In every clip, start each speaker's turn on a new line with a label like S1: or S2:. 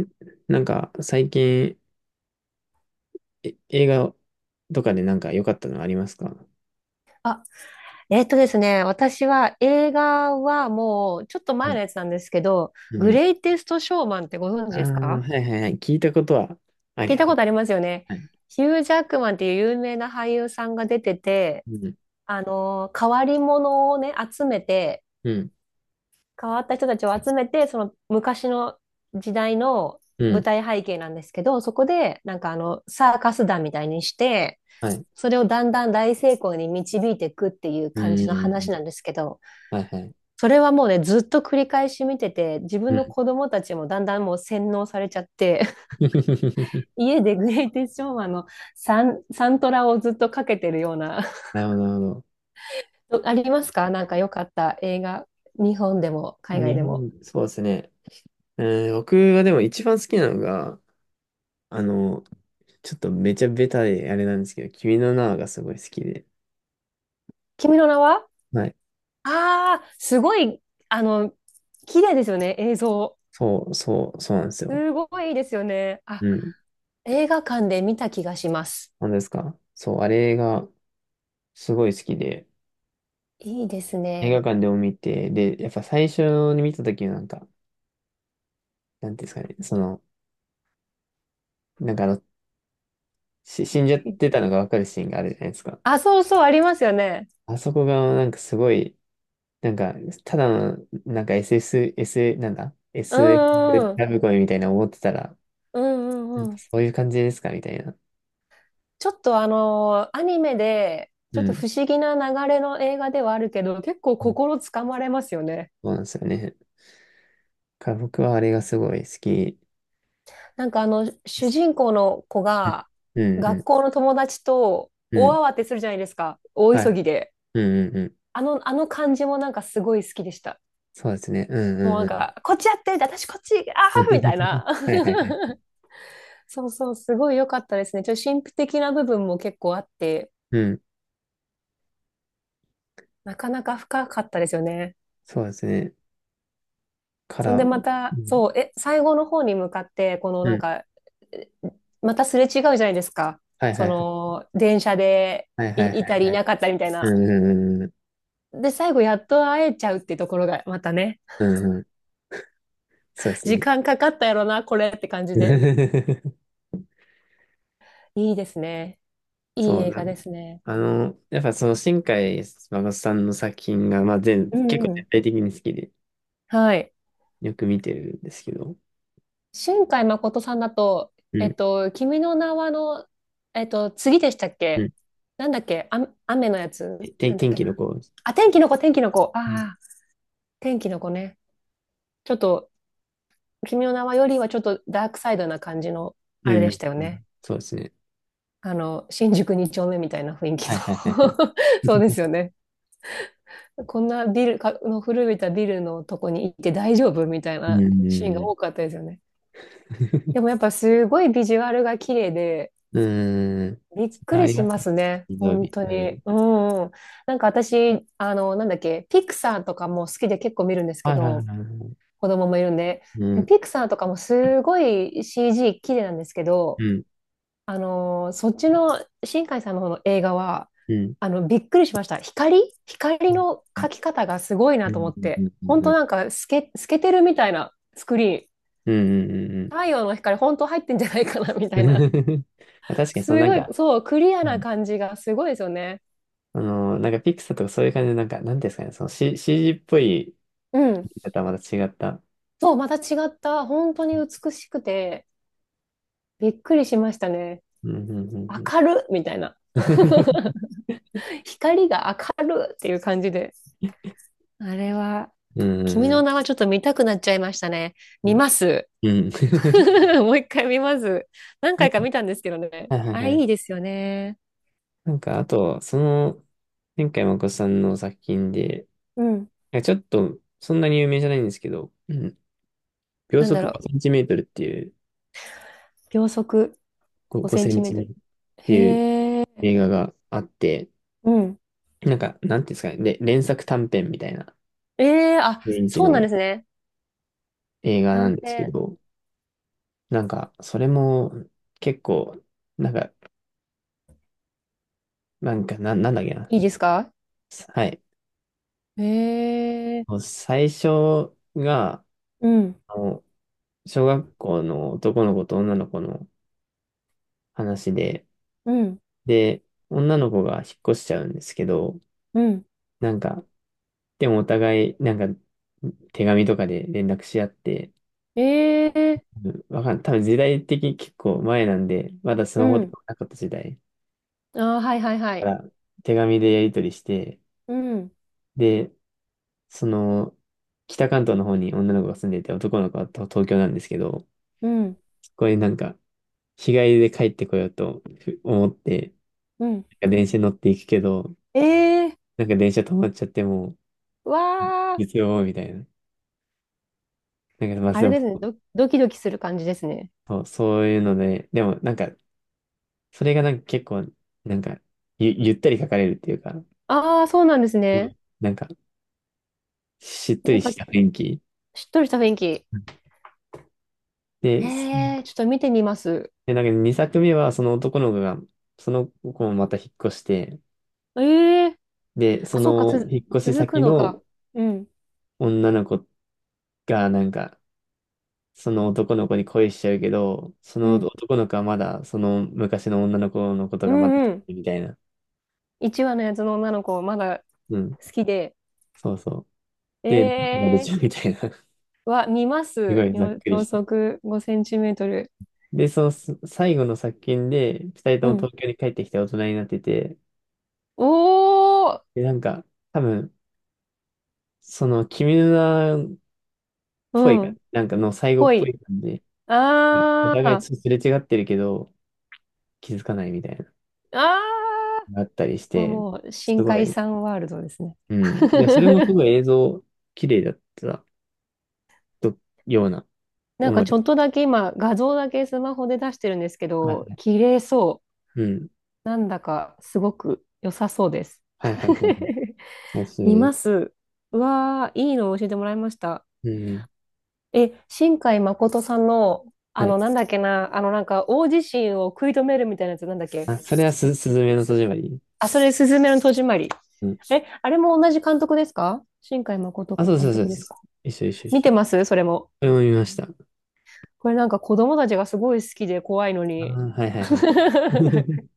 S1: ん最近、映画とかで良かったのありますか？
S2: えっとですね、私は映画はもうちょっと
S1: う
S2: 前
S1: ん。
S2: のやつなんですけど、
S1: う
S2: グ
S1: ん。
S2: レイテスト・ショーマンってご存知
S1: ああ、
S2: です
S1: は
S2: か？
S1: いはいはい。聞いたことはあ
S2: 聞
S1: り
S2: いた
S1: ま
S2: こ
S1: す。
S2: とありますよね。
S1: はい。
S2: ヒュー・ジャックマンっていう有名な俳優さんが出てて、
S1: うん。
S2: 変わり者をね、集めて、
S1: うん。
S2: 変わった人たちを集めて、その昔の時代の
S1: う
S2: 舞
S1: ん。
S2: 台背景なんですけど、そこでなんかあのサーカス団みたいにして、
S1: はい。
S2: それをだんだん大成功に導いていくっていう
S1: う
S2: 感じの
S1: ん。
S2: 話なんですけど、
S1: はいはい。
S2: それはもうね、ずっと繰り返し見てて、自
S1: う
S2: 分の
S1: ん。
S2: 子供たちもだんだんもう洗脳されちゃって、家でグレイテストショーマンのサントラをずっとかけてるような。
S1: なるほど、なるほど。
S2: ありますかなんか良かった映画。日本でも海外
S1: 日
S2: でも。
S1: 本、そうですね。うん、僕はでも一番好きなのが、あの、ちょっとめちゃベタであれなんですけど、君の名はがすごい好きで。
S2: 君の名は
S1: はい。
S2: ああ、すごい、あの、綺麗ですよね、映像。
S1: そう、そう、そうなんですよ。
S2: すごいいいですよね。あ、
S1: うん。
S2: 映画館で見た気がします。
S1: なんですかそう、あれが、すごい好きで、
S2: いいです
S1: 映画
S2: ね。
S1: 館でも見て、で、やっぱ最初に見た時のなんか、なんていうんですかね、その、なんかあの、死んじゃってたのがわかるシーンがあるじゃないですか。
S2: あ、そうそう、ありますよね。
S1: あそこがなんかすごい、なんか、ただの、SS、S、なん
S2: う
S1: だ ?SF
S2: んうん
S1: ん
S2: うん。
S1: ラブコメみたいな思ってたら、
S2: うんう
S1: なん
S2: んう
S1: か
S2: ん。
S1: そういう感じですかみたいな。
S2: ちょっとあのアニメで、
S1: う
S2: ちょっと
S1: ん。
S2: 不思議な流れの映画ではあるけど、結構
S1: うん
S2: 心つかまれますよね。
S1: そうなんですよね。だから僕はあれがすごい好き
S2: なんかあの、
S1: で
S2: 主
S1: す。
S2: 人公の子が、
S1: うんう
S2: 学
S1: ん
S2: 校の友達と
S1: うん。う
S2: 大
S1: ん
S2: 慌てするじゃないですか。大
S1: は
S2: 急
S1: い。
S2: ぎで。
S1: うんうんうん。
S2: あの感じもなんかすごい好きでした。
S1: そうですね。うん
S2: もうな
S1: うん
S2: ん
S1: う
S2: か、こっちやってみたい、私こっち、あ
S1: ん。
S2: ーみたい な。
S1: はいはいはい。
S2: そうそう、すごい良かったですね。ちょっと神秘的な部分も結構あって、
S1: うん。
S2: なかなか深かったですよね。
S1: そうですね。
S2: そんでま
S1: う
S2: た、
S1: ん。
S2: そう、最後の方に向かって、この
S1: う
S2: なん
S1: ん。
S2: か、えまたすれ違うじゃないですか。
S1: はい
S2: そ
S1: はいはい。
S2: の、電車で
S1: はいはいは
S2: い
S1: い
S2: たりい
S1: はい。
S2: なかったりみたい
S1: うん
S2: な。
S1: うんうんうん。
S2: で、最後やっと会えちゃうっていうところが、またね、
S1: うんうん。そうです
S2: 時
S1: ね。
S2: 間かかったやろな、これって感じで。いいですね。いい
S1: そう
S2: 映
S1: な
S2: 画で
S1: ん。
S2: すね。
S1: やっぱその新海誠さんの作品が、
S2: う
S1: 結
S2: ん
S1: 構
S2: う
S1: 全
S2: ん。
S1: 体的に好きで、
S2: はい。
S1: よく見てるんですけど。
S2: 新海誠さんだと、
S1: うん。
S2: 君の名はの、次でしたっ
S1: う
S2: け？
S1: ん。
S2: なんだっけあ、雨のやつなんだっ
S1: 天
S2: け
S1: 気の
S2: な。
S1: 子。
S2: あ、天気の子、天気の子。
S1: うん。
S2: ああ、天気の子ね。ちょっと、君の名はよりはちょっとダークサイドな感じの、あ
S1: う
S2: れでし
S1: ん。
S2: たよ
S1: う
S2: ね。
S1: んそうですね。
S2: 新宿二丁目みたいな雰囲気
S1: はいはいはいはい。
S2: の そうで すよね。こんなビルか、の古びたビルのとこに行って大丈夫みたい
S1: う
S2: なシーンが
S1: ん。
S2: 多かったですよね。でも やっぱすごいビジュアルが綺麗で、
S1: うん。
S2: びっく
S1: あ
S2: り
S1: り
S2: し
S1: ます
S2: ま
S1: ね。
S2: すね。
S1: 水曜
S2: 本
S1: 日。
S2: 当
S1: う
S2: に。
S1: ん。
S2: うんうん。なんか私、なんだっけ、ピクサーとかも好きで結構見るんですけ
S1: はいはいはい
S2: ど、
S1: は
S2: 子供もいるんで。
S1: い。う
S2: でピ
S1: ん。
S2: クサーとかもすごい CG 綺麗なんですけ
S1: う
S2: ど、
S1: ん。
S2: そっちの新海さんの方の映画は、
S1: うん。
S2: びっくりしました。光
S1: はい
S2: の描き方がすごい
S1: う
S2: な
S1: ん
S2: と思っ
S1: うんう
S2: て。
S1: ん
S2: 本
S1: う
S2: 当
S1: ん
S2: なんか透けてるみたいなスクリーン。
S1: うんうんうん
S2: 太陽の光本当入ってんじゃないかなみた
S1: うん
S2: い
S1: う
S2: な。
S1: ん まあ確かに、その
S2: す
S1: なん
S2: ごい、
S1: か、
S2: そう、クリア
S1: う
S2: な
S1: ん
S2: 感じがすごいですよね。
S1: ピクサーとかそういう感じで、なんか、なんていうんですかね、その CG っぽい言
S2: うん。
S1: い方はまた違った。
S2: そう、また違った、本当に美しくて、びっくりしましたね。
S1: うんうんうん
S2: 明るみたいな。
S1: うん。
S2: 光が明るっていう感じで。あれは、
S1: うんう
S2: 君
S1: ん
S2: の
S1: う
S2: 名はちょっと見たくなっちゃいましたね。
S1: ん。い
S2: 見
S1: や
S2: ます。
S1: うん
S2: もう一回見ます。何
S1: あ
S2: 回か
S1: と
S2: 見たんですけどね。
S1: はいはい
S2: あ
S1: は
S2: れ
S1: い。
S2: いいですよね。
S1: あと、その、前回まこさんの作品で、
S2: うん。
S1: なんかちょっと、そんなに有名じゃないんですけど、うん秒
S2: なんだ
S1: 速
S2: ろ
S1: 5
S2: う。
S1: センチメートルっていう、
S2: 秒速5
S1: 5
S2: セン
S1: セ
S2: チ
S1: ン
S2: メ
S1: チ
S2: ート
S1: メー
S2: ル。
S1: トルっていう
S2: へえ。
S1: 映画があって、
S2: うん。
S1: なんか、なんていうんですかね、で、連作短編みたいな
S2: ええあ、
S1: 雰囲気
S2: そうなん
S1: の
S2: ですね。
S1: 映画な
S2: 短
S1: んですけ
S2: 編。
S1: ど、それも結構、なんか、なんだっけな。
S2: いいですか？
S1: はい。
S2: ええ
S1: もう最初が、
S2: うん、
S1: あの、小学校の男の子と女の子の話で、
S2: うん、
S1: で、女の子が引っ越しちゃうんですけど、
S2: うん。
S1: なんか、でもお互い、手紙とかで連絡し合って、
S2: ええ
S1: うんわかん、多分時代的に結構前なんで、まだス
S2: う
S1: マホと
S2: ん。
S1: かなかった時代。
S2: あー、はいはいは
S1: か
S2: い。
S1: ら手紙でやり取りして、
S2: うん、
S1: で、その、北関東の方に女の子が住んでいて、男の子は東京なんですけど、
S2: うん、
S1: そこになんか、日帰りで帰ってこようと思って、
S2: うん。
S1: なんか電車に乗っていくけど、
S2: ええ
S1: なんか電車止まっちゃってもう、
S2: わあ、
S1: 月曜みたいな。なんか、まあ、
S2: あ
S1: で
S2: れ
S1: も、
S2: ですね。ドキドキする感じですね。
S1: そう、そういうので、でもなんか、それがなんか結構、なんか、ゆったり書かれるっていうか、
S2: ああ、そうなんです
S1: うん
S2: ね。
S1: なんか、しっと
S2: なん
S1: り
S2: か、
S1: した雰囲気。
S2: しっとりした雰囲気。
S1: うんで、
S2: ええちょっと見てみます。
S1: なんか2作目はその男の子が、その子もまた引っ越して、
S2: ええ
S1: で、
S2: あ、
S1: そ
S2: そうか、
S1: の引っ越し
S2: 続く
S1: 先
S2: のか。
S1: の
S2: うん、
S1: 女の子がなんか、その男の子に恋しちゃうけど、そ
S2: う
S1: の
S2: ん、
S1: 男の子はまだ、その昔の女の子のこと
S2: う
S1: がまだ好
S2: ん、うん。
S1: きみたいな。
S2: 1話のやつの女の子、まだ
S1: うん。
S2: 好きで。
S1: そうそう。で、なんかやれち
S2: ええ
S1: ゃうみたいな。
S2: は見ま
S1: すご
S2: す。
S1: いざっ
S2: 秒
S1: くり
S2: 秒
S1: して。
S2: 速5センチメートル。
S1: で、そのす最後の作品で、二人と
S2: う
S1: も
S2: ん。
S1: 東京に帰ってきて大人になってて、
S2: おー
S1: で、多分、その君の名ぽ
S2: う
S1: い感
S2: ん。
S1: じ。なんかの最後
S2: ぽ
S1: っぽ
S2: い。
S1: い感じ。お互い
S2: あ
S1: す
S2: ー。
S1: れ違ってるけど、気づかないみたいな、
S2: あー。
S1: があったり
S2: こ
S1: し
S2: こは
S1: て、
S2: もう
S1: す
S2: 深
S1: ご
S2: 海
S1: い、
S2: さんワールドですね。
S1: うん。で、それもす ごい映像、綺麗だったとような
S2: なんか
S1: 思
S2: ちょ
S1: い。
S2: っとだけ今画像だけスマホで出してるんですけ
S1: はいは
S2: ど、
S1: い。
S2: 綺麗そ
S1: うん。
S2: う。なんだかすごく良さそうです。
S1: はいはいはい。おすすめ
S2: 見
S1: で
S2: ま
S1: す。
S2: す。うわー、いいの教えてもらいました。
S1: うん。
S2: 新海誠さんの、
S1: は
S2: あ
S1: い。
S2: の、なんだっけな、なんか、大地震を食い止めるみたいなやつ、なんだっけ。
S1: あ、それはす、すずめの戸締まり。
S2: あ、それ、すずめの戸締まり。
S1: うん。
S2: え、あれも同じ監督ですか？新海誠
S1: あ、そうそ
S2: 監
S1: うそう
S2: 督
S1: で
S2: です
S1: す。
S2: か？
S1: 一緒一緒一
S2: 見
S1: 緒。
S2: てますそれも。
S1: それも見ました。あ
S2: これなんか子供たちがすごい好きで怖いの
S1: あ
S2: に。
S1: はいはいはい。う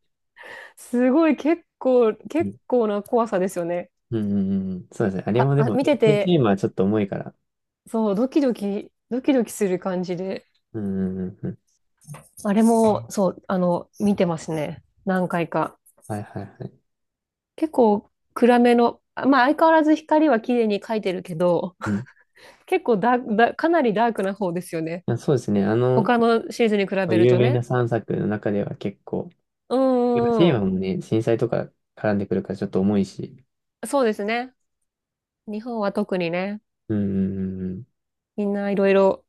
S2: すごい結構、結
S1: ん
S2: 構な怖さですよね。
S1: うんうんうん。そうですね。あれもで
S2: あ、
S1: も、
S2: 見て
S1: テ
S2: て、
S1: ーマはちょっと重いから。
S2: そう、ドキドキ、ドキドキする感じで。
S1: うんうんうんうん。
S2: あれも、そう、あの、見てますね。何回か。
S1: はいはいはい。
S2: 結構暗めの、あまあ相変わらず光は綺麗に描いてるけど、
S1: うん。
S2: 結構ダーク、ダーかなりダークな方ですよね。
S1: あ、そうですね。
S2: 他のシリーズに比べる
S1: 有
S2: と
S1: 名な
S2: ね。
S1: 3作の中では結構、
S2: うんう
S1: テ
S2: ん
S1: ー
S2: うん。
S1: マもね、震災とか絡んでくるからちょっと重いし。
S2: そうですね。日本は特にね、
S1: うん、うん、
S2: みんないろいろ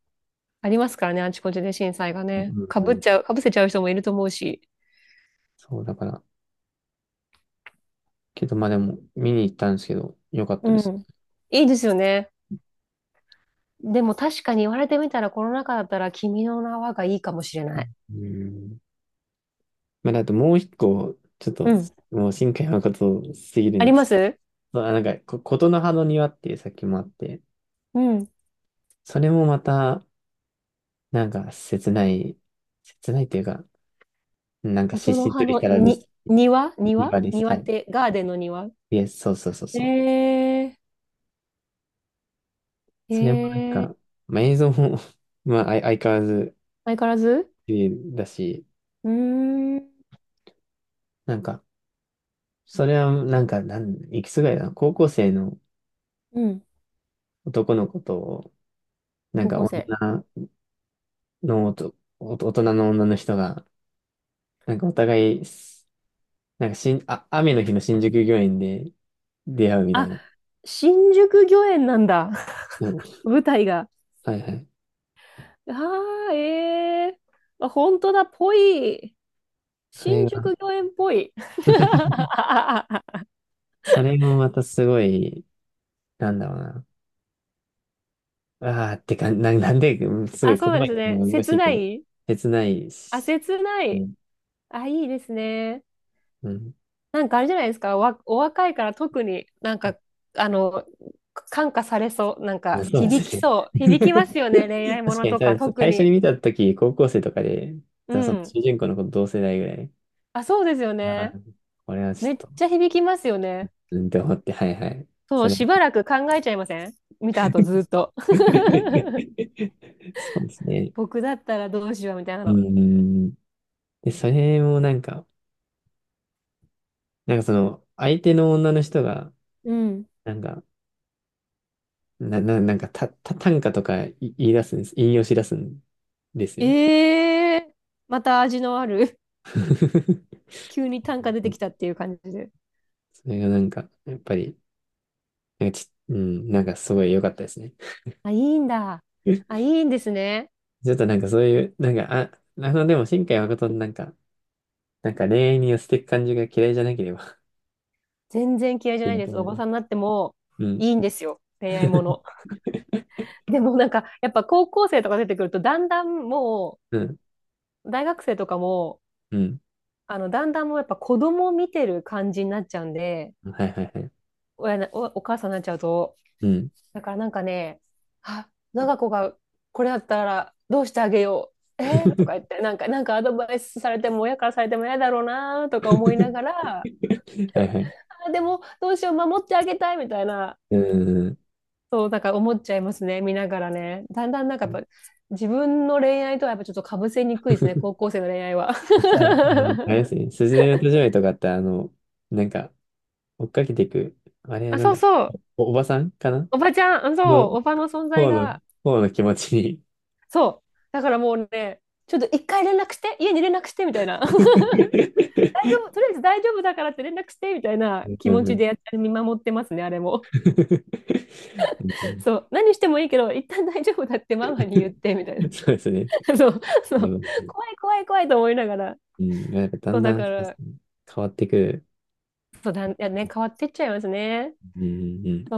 S2: ありますからね、あちこちで震災が
S1: うん。
S2: ね。
S1: うん
S2: か
S1: うん
S2: ぶ
S1: う
S2: っ
S1: ん
S2: ちゃう、かぶせちゃう人もいると思うし。
S1: そう、だから、けど、まあでも、見に行ったんですけど、よかっ
S2: う
S1: たです。
S2: ん。いいですよね。でも確かに言われてみたらコロナ禍だったら君の名はがいいかもしれない。
S1: うん。だともう一個、ちょっ
S2: う
S1: と、
S2: ん。
S1: もう新海誠すぎる
S2: あ
S1: ん
S2: り
S1: で
S2: ま
S1: す。
S2: す？
S1: ことの葉の庭っていう作品もあって、
S2: うん。
S1: それもまた、なんか、切ない、切ないというか、なんか、しっ
S2: 音
S1: し
S2: の
S1: りと
S2: 葉
S1: し
S2: の
S1: たラブス
S2: に、
S1: トー
S2: 庭
S1: リ
S2: 庭
S1: ーです。
S2: 庭
S1: は
S2: っ
S1: い。
S2: て、ガーデンの庭
S1: いや、そうそうそう
S2: え
S1: そう。
S2: ー、
S1: それもなん
S2: えー、
S1: か、まあ、映像も まあ、相変わらず
S2: 相変わらず
S1: 綺麗だし、
S2: うーん、
S1: なんか、それはなんか、いくつぐらいだな、高校生の
S2: うん、
S1: 男の子と、
S2: 高校生。
S1: 女のおと、おと大人の女の人が、なんかお互い、なんかしん、あ、雨の日の新宿御苑で出会うみたい
S2: あ、
S1: な。
S2: 新宿御苑なんだ。
S1: そう
S2: 舞台が。
S1: はいはい。
S2: ああ、ええー。あ、本当だ、ぽい。
S1: それ
S2: 新
S1: が
S2: 宿御苑っぽい。あ、
S1: それもまたすごい、なんだろうな。ああ、ってか、な、なんで、うんすごい
S2: そう
S1: 言
S2: なん
S1: 葉
S2: で
S1: に
S2: す
S1: する
S2: ね。
S1: のが難
S2: 切
S1: しいけ
S2: な
S1: ど、
S2: い。
S1: 切ない
S2: あ、
S1: し、
S2: 切ない。
S1: ね、
S2: あ、いいですね。
S1: うん。
S2: なんかあれじゃないですか、お若いから特になん
S1: あ、
S2: か、あの、感化されそう、なん
S1: まあ
S2: か
S1: そうで
S2: 響
S1: す
S2: き
S1: ね。
S2: そう、響きま すよね、恋愛も
S1: 確
S2: の
S1: かに、
S2: と
S1: た
S2: か
S1: だ
S2: 特
S1: 最初に
S2: に。
S1: 見たとき、高校生とかで、
S2: う
S1: その
S2: ん。
S1: 主人公の子と同世代ぐらい、
S2: あ、そうですよ
S1: ああ、
S2: ね。
S1: これはちょ
S2: め
S1: っ
S2: っ
S1: と、
S2: ちゃ響きますよね。
S1: うんって思って、はいはい。
S2: そ
S1: そ
S2: う、
S1: れ、
S2: しばらく考えちゃいません？見た後ずっと。
S1: そうですね。
S2: 僕だったらどうしようみたいな
S1: う
S2: の。
S1: ん。で、それもなんか、なんかその、相手の女の人が、
S2: うん。
S1: なんか、な、な、なんか、た、た、短歌とか言い出すんです。引用し出すんですよ。
S2: ええーまた味のある 急に単価出てきたっていう感じで。
S1: それがなんか、やっぱり、なんかち、うん、なんかすごい良かったですね。
S2: あ、いいんだ。あ、いいんですね。
S1: ちょっとなんかそういう、でも、新海誠のなんか、なんか恋愛に寄せていく感じが嫌いじゃなければ
S2: 全然嫌い じゃ
S1: いい
S2: ない
S1: な
S2: で
S1: と
S2: す。
S1: 思
S2: お
S1: いま
S2: ば
S1: す。
S2: さんになっても
S1: うん。
S2: いいんですよ。恋愛も の。でもなんか、やっぱ高校生とか出てくると、だんだんも
S1: うん。
S2: う、大学生とかも、
S1: うん。
S2: あの、だんだんもうやっぱ子供見てる感じになっちゃうんで、
S1: はいはいはい。
S2: 親な、お、お母さんになっちゃうと。
S1: うん。
S2: だからなんかね、あ、長子がこれだったらどうしてあげよう。えーとか言って、なんか、なんかアドバイスされても、親からされても嫌だろうなとか思いなが ら、
S1: はいはい。
S2: あ、でもどうしよう、守ってあげたいみたいな。
S1: うん。
S2: そう、だから思っちゃいますね、見ながらね。だんだんなんかやっぱ、自分の恋愛とはやっぱちょっとかぶせにくいですね、高校生の恋愛は。
S1: そしたら、あれで すね、すずめの戸締まりとかって、なんか、追っかけていく、あれは
S2: あ、
S1: なん
S2: そう
S1: だ、
S2: そう。
S1: おばさんかな
S2: おばちゃん、うんそう、
S1: の、
S2: おばの存在
S1: 方の、
S2: が、
S1: 方の気持ちに
S2: そう。だからもうね、ちょっと一回連絡して、家に連絡して、みたいな。大丈 夫、とりあえず大丈夫だからって連絡して、みたいな気
S1: う
S2: 持
S1: んう
S2: ちで
S1: ん
S2: やっ見守ってますね、あれも。
S1: うんう
S2: そう。何してもいいけど、一旦大丈夫だってママに言って、みたいな。
S1: んそうですね。
S2: そう、そ
S1: う
S2: う。
S1: ん、
S2: 怖い怖い怖いと思いながら。
S1: うんなんかだ
S2: そ
S1: ん
S2: う、だ
S1: だん
S2: か
S1: そうです
S2: ら、
S1: ね変わってくる。
S2: そうだいやね、変わってっちゃいますね。
S1: うんうんうん